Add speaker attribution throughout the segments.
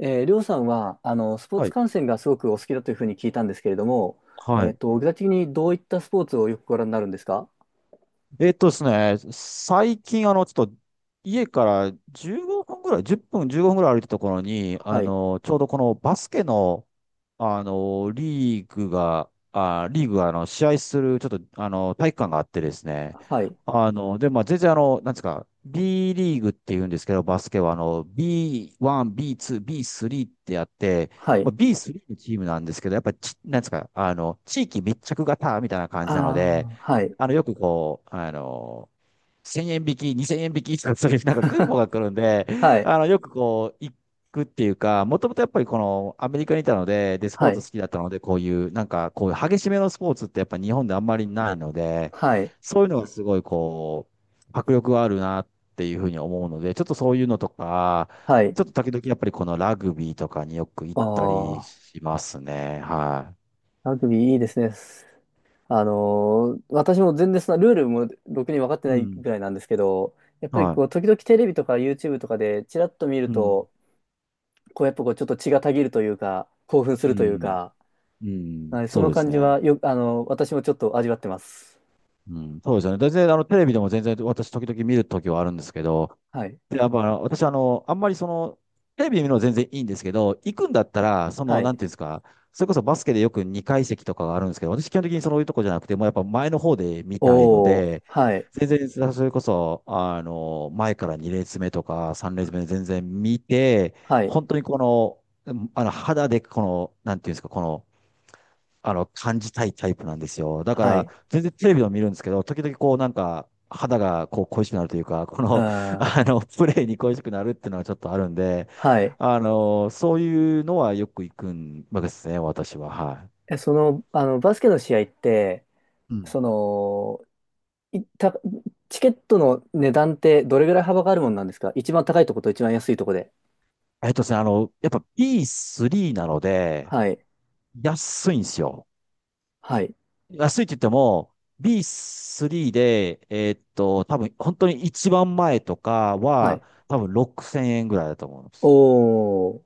Speaker 1: りょうさんは、スポー
Speaker 2: は
Speaker 1: ツ
Speaker 2: い。
Speaker 1: 観戦がすごくお好きだというふうに聞いたんですけれども、
Speaker 2: はい。
Speaker 1: 具体的にどういったスポーツをよくご覧になるんですか？
Speaker 2: ですね、最近、ちょっと、家から15分ぐらい、10分、15分ぐらい歩いたところに、
Speaker 1: はい。
Speaker 2: ちょうどこのバスケの、リーグが、試合する、ちょっと、体育館があってですね。
Speaker 1: はい。
Speaker 2: で、まあ、全然、なんですか、B リーグって言うんですけど、バスケは、B1、B2、B3 ってやって、
Speaker 1: は
Speaker 2: まあ、
Speaker 1: い。
Speaker 2: B3 のチームなんですけど、やっぱりなんですか、地域密着型みたいな感
Speaker 1: あ
Speaker 2: じなので、
Speaker 1: あ、はい。
Speaker 2: よくこう、1000円引き、2000円引きとか、そういうなんかクーポン が来るんで、
Speaker 1: はい。
Speaker 2: よくこう、行くっていうか、もともとやっぱりこのアメリカにいたので、で、スポ
Speaker 1: は
Speaker 2: ーツ
Speaker 1: い。
Speaker 2: 好きだったので、こういう、なんかこういう激しめのスポーツってやっぱ日本であんまりないので、
Speaker 1: はい。
Speaker 2: そういうのがすごいこう、迫力があるなっていうふうに思うので、ちょっとそういうのとか、
Speaker 1: はい。
Speaker 2: ちょっと時々やっぱりこのラグビーとかによく行っ
Speaker 1: あ
Speaker 2: たり
Speaker 1: あ、
Speaker 2: しますね。は
Speaker 1: ラグビーいいですね。あのー私も全然そのルールもろくに分かって
Speaker 2: い。う
Speaker 1: ない
Speaker 2: ん。
Speaker 1: ぐらいなんですけど、やっぱり
Speaker 2: は
Speaker 1: こう、
Speaker 2: い。
Speaker 1: 時々テレビとか YouTube とかでチラッと見る
Speaker 2: うん。
Speaker 1: と、こう、やっぱこう、ちょっと血がたぎるというか、興奮す
Speaker 2: う
Speaker 1: るという
Speaker 2: ん。
Speaker 1: か、
Speaker 2: うん。
Speaker 1: はい、そ
Speaker 2: そう
Speaker 1: の
Speaker 2: です
Speaker 1: 感じ
Speaker 2: ね。
Speaker 1: はよ、私もちょっと味わってます。
Speaker 2: うん、そうですよね。全然、テレビでも全然、私、時々見るときはあるんですけど、
Speaker 1: はい。
Speaker 2: で、やっぱ、私、あんまりその、テレビで見るのは全然いいんですけど、行くんだったら、そ
Speaker 1: は
Speaker 2: の、な
Speaker 1: い。
Speaker 2: んていうんですか、それこそバスケでよく2階席とかがあるんですけど、私、基本的にそういうとこじゃなくて、もうやっぱ前の方で見たいの
Speaker 1: おー、
Speaker 2: で、
Speaker 1: はい。
Speaker 2: 全然、それこそ、前から2列目とか3列目で全然見て、
Speaker 1: はい。
Speaker 2: 本当にこの、肌でこの、なんていうんですか、この、感じたいタイプなんですよ。だか
Speaker 1: は
Speaker 2: ら、
Speaker 1: い。
Speaker 2: 全然テレビを見るんですけど、時々こう、なんか、肌がこう恋しくなるというか、こ
Speaker 1: う
Speaker 2: の、
Speaker 1: ん。
Speaker 2: プレーに恋しくなるっていうのはちょっとあるんで、
Speaker 1: はい。
Speaker 2: そういうのはよく行くんわけですね、私は。はい。
Speaker 1: え、その、バスケの試合って、
Speaker 2: うん。
Speaker 1: その、いた、チケットの値段ってどれぐらい幅があるもんなんですか？一番高いとこと一番安いとこで。
Speaker 2: ですね、やっぱ B3 なので、
Speaker 1: はい。
Speaker 2: 安いんですよ。
Speaker 1: はい。
Speaker 2: 安いって言っても、B3 で、多分、本当に一番前とか
Speaker 1: はい。
Speaker 2: は、多分6000円ぐらいだと思う。
Speaker 1: おー、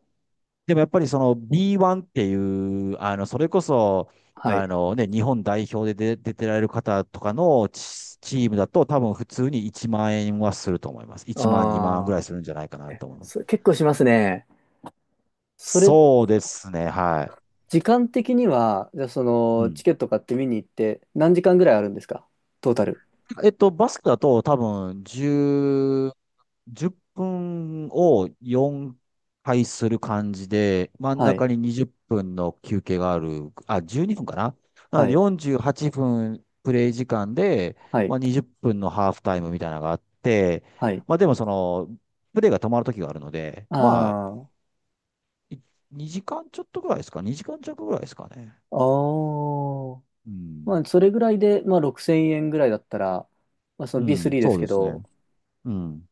Speaker 2: でもやっぱりその B1 っていう、それこそ、
Speaker 1: は
Speaker 2: あ
Speaker 1: い。
Speaker 2: のね、日本代表で出てられる方とかのチームだと多分普通に1万円はすると思います。1万、2万ぐらい
Speaker 1: あ
Speaker 2: するんじゃないか
Speaker 1: ー、
Speaker 2: な
Speaker 1: え、
Speaker 2: と思いま
Speaker 1: それ
Speaker 2: す。
Speaker 1: 結構しますね。それ、
Speaker 2: そうですね、は
Speaker 1: 時間的には、じゃあそ
Speaker 2: い。う
Speaker 1: の、チ
Speaker 2: ん。
Speaker 1: ケット買って見に行って、何時間ぐらいあるんですか？トータル。
Speaker 2: えっと、バスケだと多分10分を4回する感じで、真ん
Speaker 1: は
Speaker 2: 中
Speaker 1: い、
Speaker 2: に20分の休憩がある。あ、12分かな。なの
Speaker 1: は
Speaker 2: で
Speaker 1: い、
Speaker 2: 48分プレイ時間で、
Speaker 1: はい、
Speaker 2: まあ、20分のハーフタイムみたいなのがあって、
Speaker 1: はい。
Speaker 2: まあでもその、プレイが止まる時があるので、まあ、
Speaker 1: あ
Speaker 2: 2時間ちょっとぐらいですか？ 2 時間弱ぐらいですかね。
Speaker 1: あああ
Speaker 2: うん。
Speaker 1: まあ、それぐらいで、まあ、6000円ぐらいだったら、まあ、その
Speaker 2: うん、
Speaker 1: B3 で
Speaker 2: そ
Speaker 1: す
Speaker 2: う
Speaker 1: け
Speaker 2: です
Speaker 1: ど、
Speaker 2: ね。うん。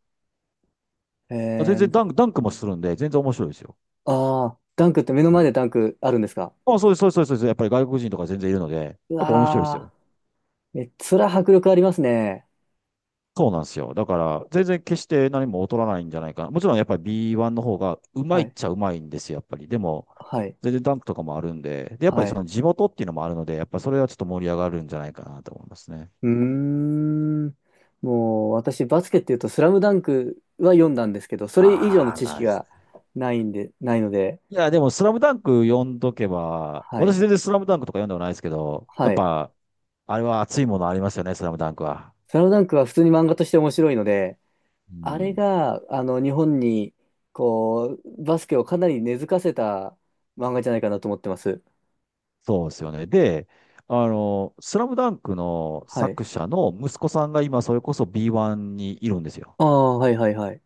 Speaker 1: え
Speaker 2: あ、全然
Speaker 1: ー、
Speaker 2: ダンクもするんで、全然面白いですよ。
Speaker 1: ああダンクって目の
Speaker 2: う
Speaker 1: 前で
Speaker 2: ん。
Speaker 1: ダンクあるんですか？
Speaker 2: あ、そうです、そうです、そうです。そうです。やっぱり外国人とか全然いるので、やっ
Speaker 1: う
Speaker 2: ぱ面白いで
Speaker 1: わ
Speaker 2: すよ。
Speaker 1: あえ、それは迫力ありますね。
Speaker 2: そうなんですよ。だから、全然決して何も劣らないんじゃないかな。もちろんやっぱり B1 の方がうまい
Speaker 1: は
Speaker 2: っ
Speaker 1: い、
Speaker 2: ちゃうまいんですよ、やっぱり。でも、
Speaker 1: はい、
Speaker 2: 全然ダンクとかもあるんで、で、やっぱり
Speaker 1: は
Speaker 2: そ
Speaker 1: い。
Speaker 2: の地元っていうのもあるので、やっぱそれはちょっと盛り上がるんじゃないかなと思いますね。
Speaker 1: うーん。もう私バスケっていうと「スラムダンクは読んだんですけど、それ以上の
Speaker 2: ああ、
Speaker 1: 知識
Speaker 2: ナイス。
Speaker 1: がないんで、ないので、
Speaker 2: いや、でも、スラムダンク読んどけば、
Speaker 1: はい。
Speaker 2: 私全然スラムダンクとか読んでもないですけど、や
Speaker 1: は
Speaker 2: っ
Speaker 1: い。
Speaker 2: ぱ、あれは熱いものありますよね、スラムダンクは。
Speaker 1: スラムダンクは普通に漫画として面白いので、
Speaker 2: う
Speaker 1: あれ
Speaker 2: ん。
Speaker 1: があの日本にこうバスケをかなり根付かせた漫画じゃないかなと思ってます。
Speaker 2: そうですよね。で、スラムダンクの
Speaker 1: はい。
Speaker 2: 作者の息子さんが今、それこそ B1 にいるんですよ。
Speaker 1: ああ、はいはいはい。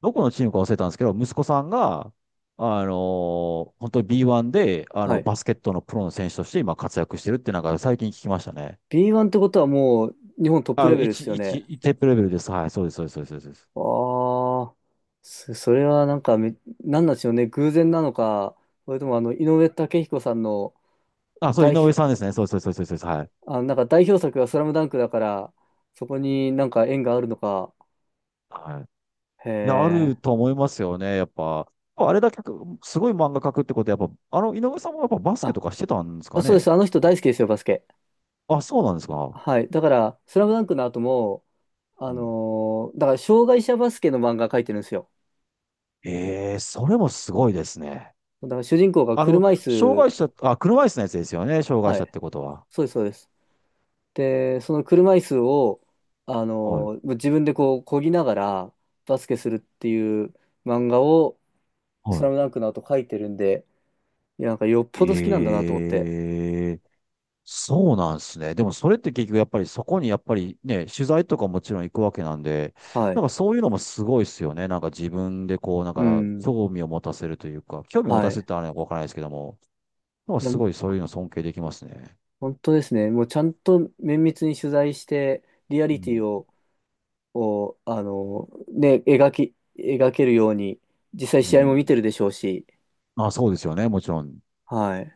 Speaker 2: どこのチームか忘れたんですけど、息子さんが、本当に B1 で、
Speaker 1: はい。
Speaker 2: バスケットのプロの選手として今活躍してるってなんか最近聞きましたね。
Speaker 1: B1 ってことはもう日本トップ
Speaker 2: あ、
Speaker 1: レベルですよね。
Speaker 2: 一テープレベルです。はい、そうです、そうです、そうです。そうです。
Speaker 1: ああ、そそれはなんかめ、なんなんでしょうね、偶然なのか、それともあの、井上武彦さんの
Speaker 2: あ、そう、井
Speaker 1: 代
Speaker 2: 上
Speaker 1: 表、
Speaker 2: さんですね。そうです、そうです、そうです。そうです。
Speaker 1: あ、なんか代表作がスラムダンクだから、そこになんか縁があるのか。
Speaker 2: はい。はい。
Speaker 1: へ
Speaker 2: で、ある
Speaker 1: え。
Speaker 2: と思いますよね。やっぱ、あれだけ、すごい漫画描くってことは、やっぱ、井上さんもやっぱバスケ
Speaker 1: あ、
Speaker 2: とかしてたんです
Speaker 1: あ
Speaker 2: か
Speaker 1: そうで
Speaker 2: ね。
Speaker 1: す。あの人大好きですよ、バスケ。
Speaker 2: あ、そうなんですか。
Speaker 1: はい。だから、スラムダンクの後も、
Speaker 2: う
Speaker 1: あ
Speaker 2: ん。
Speaker 1: のーだから障害者バスケの漫画描いてるんですよ。
Speaker 2: ええ、それもすごいですね。
Speaker 1: だから主人公が車椅
Speaker 2: 障
Speaker 1: 子、
Speaker 2: 害者、あ、車椅子のやつですよね。障害
Speaker 1: は
Speaker 2: 者っ
Speaker 1: い。
Speaker 2: てことは。
Speaker 1: そうです、そうです。で、その車椅子を、
Speaker 2: はい。
Speaker 1: 自分でこう、漕ぎながらバスケするっていう漫画を、ス
Speaker 2: は
Speaker 1: ラムダンクの後書いてるんで、いや、なんかよっ
Speaker 2: い。
Speaker 1: ぽど好きなんだなと思って。
Speaker 2: ええ、そうなんですね。でもそれって結局やっぱりそこにやっぱりね、取材とかもちろん行くわけなんで、
Speaker 1: は
Speaker 2: なん
Speaker 1: い。
Speaker 2: かそういうのもすごいですよね。なんか自分でこう、なん
Speaker 1: う
Speaker 2: か
Speaker 1: ん。
Speaker 2: 興味を持たせるというか、興味を持た
Speaker 1: は
Speaker 2: せる
Speaker 1: い。
Speaker 2: ってあれはわからないですけども、なんか
Speaker 1: いや、
Speaker 2: すごいそういうの尊敬できますね。
Speaker 1: 本当ですね。もうちゃんと綿密に取材して、リア
Speaker 2: う
Speaker 1: リティ
Speaker 2: ん。
Speaker 1: を、を、ね、描き、描けるように、実際
Speaker 2: う
Speaker 1: 試合も見
Speaker 2: ん。
Speaker 1: てるでしょうし、
Speaker 2: あ、そうですよね。もちろん。
Speaker 1: はい。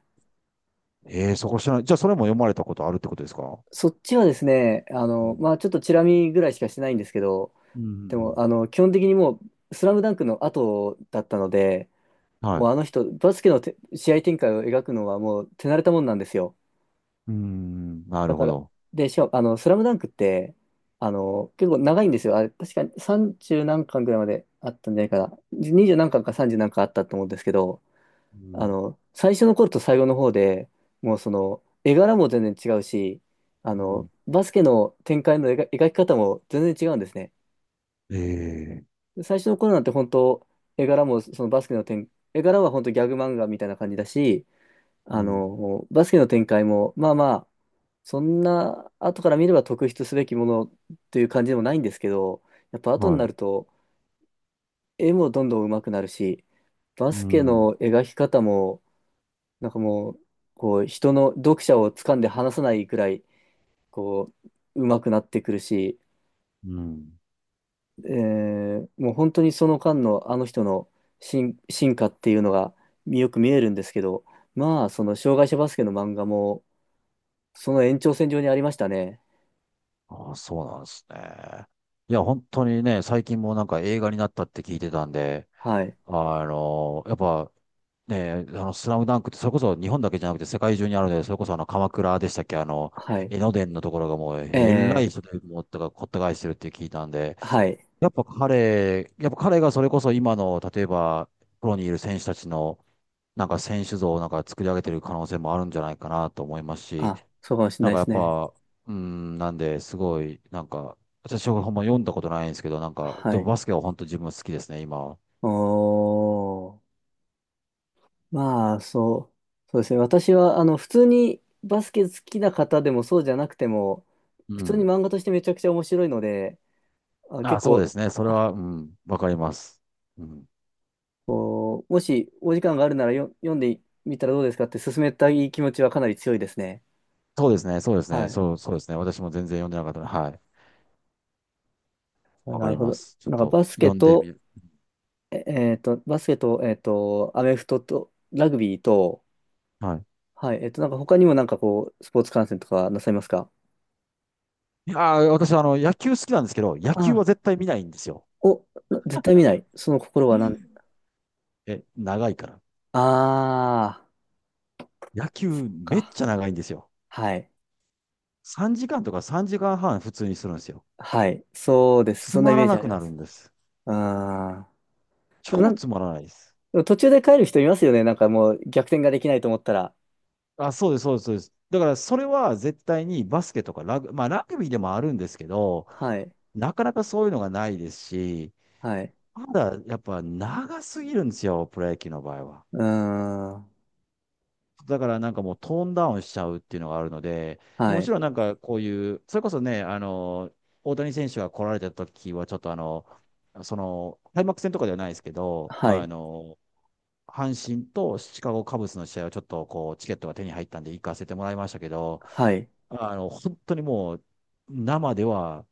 Speaker 2: ええ、そこ知らない。じゃあ、それも読まれたことあるってことですか？
Speaker 1: そっちはですね、
Speaker 2: うん。
Speaker 1: まあちょっとチラ見ぐらいしかしてないんですけど、
Speaker 2: う
Speaker 1: で
Speaker 2: ん。
Speaker 1: も、基本的にもう、スラムダンクの後だったので、
Speaker 2: は
Speaker 1: もう
Speaker 2: い。
Speaker 1: あの人、バスケのて試合展開を描くのはもう手慣れたもんなんですよ。
Speaker 2: うーん、な
Speaker 1: だ
Speaker 2: る
Speaker 1: か
Speaker 2: ほ
Speaker 1: ら、
Speaker 2: ど。
Speaker 1: で、しかも、スラムダンクって、結構長いんですよ。あれ、確かに30何巻ぐらいまであったんじゃないかな。20何巻か30何巻あったと思うんですけど、
Speaker 2: うん。
Speaker 1: 最初の頃と最後の方で、もうその、絵柄も全然違うし、
Speaker 2: うん。
Speaker 1: バスケの展開の描描き方も全然違うんですね。
Speaker 2: ええ、
Speaker 1: 最初の頃なんて本当、絵柄もそのバスケの展、絵柄は本当ギャグ漫画みたいな感じだし、
Speaker 2: うん。
Speaker 1: バスケの展開も、まあまあ、そんな後から見れば特筆すべきものという感じでもないんですけど、やっぱ後に
Speaker 2: は
Speaker 1: な
Speaker 2: い。
Speaker 1: ると絵もどんどん上手くなるし、バス
Speaker 2: う
Speaker 1: ケ
Speaker 2: ん。
Speaker 1: の描き方も、なんかもう、こう、人の読者を掴んで離さないくらい、こう、上手くなってくるし、
Speaker 2: うん。
Speaker 1: えもう本当にその間のあの人の進化っていうのがよく見えるんですけど、まあ、その障害者バスケの漫画も、その延長線上にありましたね。
Speaker 2: ああ、そうなんですね。いや、本当にね、最近もなんか映画になったって聞いてたんで、
Speaker 1: はい。
Speaker 2: あやっぱ、ね、スラムダンクって、それこそ日本だけじゃなくて世界中にあるので、それこそ鎌倉でしたっけ、
Speaker 1: はい。
Speaker 2: 江ノ電のところがもう、えらい人
Speaker 1: え
Speaker 2: でもう、こった返してるって聞いたんで、
Speaker 1: ー、はい。
Speaker 2: やっぱ彼がそれこそ今の、例えば、プロにいる選手たちの、なんか選手像をなんか作り上げてる可能性もあるんじゃないかなと思いますし、
Speaker 1: あ、そうかもしれ
Speaker 2: な
Speaker 1: な
Speaker 2: ん
Speaker 1: い
Speaker 2: か
Speaker 1: で
Speaker 2: や
Speaker 1: す
Speaker 2: っ
Speaker 1: ね。
Speaker 2: ぱ、うん、なんで、すごい、なんか、私はほんま読んだことないんですけど、なんか、
Speaker 1: は
Speaker 2: でも
Speaker 1: い。
Speaker 2: バスケは本当自分好きですね、今は。
Speaker 1: おー。まあ、そそうですね。私は、普通にバスケ好きな方でもそうじゃなくても、
Speaker 2: う
Speaker 1: 普通に
Speaker 2: ん。
Speaker 1: 漫画としてめちゃくちゃ面白いので、あ、結
Speaker 2: あ、そうで
Speaker 1: 構、
Speaker 2: すね。それは、うん、わかります。うん。
Speaker 1: こう、もしお時間があるならよ読んでみたらどうですかって勧めたい気持ちはかなり強いですね。
Speaker 2: そうですね、そうです
Speaker 1: は
Speaker 2: ね、
Speaker 1: い。
Speaker 2: そう、そうですね。私も全然読んでなかったので、はい。
Speaker 1: あ
Speaker 2: わ
Speaker 1: な
Speaker 2: か
Speaker 1: る
Speaker 2: り
Speaker 1: ほ
Speaker 2: ま
Speaker 1: ど。
Speaker 2: す。ちょっ
Speaker 1: なんか
Speaker 2: と、
Speaker 1: バスケ
Speaker 2: 読んでみ
Speaker 1: と、
Speaker 2: る。
Speaker 1: ええーと、バスケと、アメフトと、ラグビーと、
Speaker 2: はい。
Speaker 1: はい。なんか他にもなんかこう、スポーツ観戦とかなさいますか？
Speaker 2: いやー、私は野球好きなんですけど、野
Speaker 1: あ
Speaker 2: 球
Speaker 1: あ、
Speaker 2: は絶対見ないんですよ。
Speaker 1: お、な絶対見ない。その心
Speaker 2: う
Speaker 1: はなん、
Speaker 2: ん。え、長いから。
Speaker 1: ああ、
Speaker 2: 野
Speaker 1: そっ
Speaker 2: 球めっ
Speaker 1: か。
Speaker 2: ちゃ長いんですよ。
Speaker 1: はい。
Speaker 2: 3時間とか3時間半普通にするんですよ。
Speaker 1: はい。そうです。
Speaker 2: つ
Speaker 1: そんなイ
Speaker 2: ま
Speaker 1: メ
Speaker 2: ら
Speaker 1: ージ
Speaker 2: な
Speaker 1: あり
Speaker 2: く
Speaker 1: ま
Speaker 2: なる
Speaker 1: す。
Speaker 2: んです。
Speaker 1: ああ。でもな
Speaker 2: 超
Speaker 1: ん、
Speaker 2: つ
Speaker 1: で
Speaker 2: まらないです。
Speaker 1: も途中で帰る人いますよね。なんかもう逆転ができないと思ったら。
Speaker 2: あ、そうです、そうです、そうです。だからそれは絶対にバスケとかまあラグビーでもあるんですけど、
Speaker 1: はい。
Speaker 2: なかなかそういうのがないですし、
Speaker 1: はい。
Speaker 2: まだやっぱ長すぎるんですよ、プロ野球の場合は。
Speaker 1: うーん。
Speaker 2: だからなんかもうトーンダウンしちゃうっていうのがあるので、
Speaker 1: は
Speaker 2: もち
Speaker 1: い。
Speaker 2: ろんなんかこういう、それこそね、大谷選手が来られた時はちょっとその、開幕戦とかではないですけど、
Speaker 1: はい。
Speaker 2: 阪神とシカゴカブスの試合はちょっとこう、チケットが手に入ったんで行かせてもらいましたけど、
Speaker 1: はい。
Speaker 2: 本当にもう、生では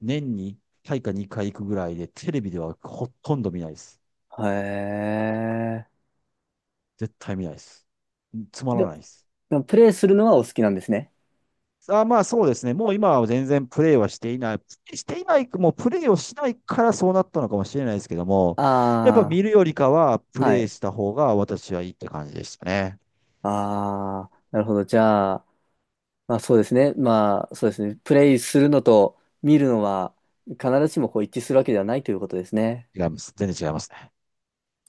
Speaker 2: 年に1回か2回行くぐらいで、テレビではほとんど見ないです。
Speaker 1: へえ。
Speaker 2: 絶対見ないです。つま
Speaker 1: で、
Speaker 2: らないです。
Speaker 1: でもプレイするのはお好きなんですね。
Speaker 2: あ、まあそうですね。もう今は全然プレーはしていない。していない、もうプレーをしないからそうなったのかもしれないですけども、やっぱ
Speaker 1: あ
Speaker 2: 見るよりかはプ
Speaker 1: あ。は
Speaker 2: レー
Speaker 1: い。
Speaker 2: した方が私はいいって感じでしたね。
Speaker 1: ああ。なるほど。じゃあ、まあそうですね。まあそうですね。プレイするのと見るのは必ずしもこう一致するわけではないということですね。
Speaker 2: 違います。全然違いますね。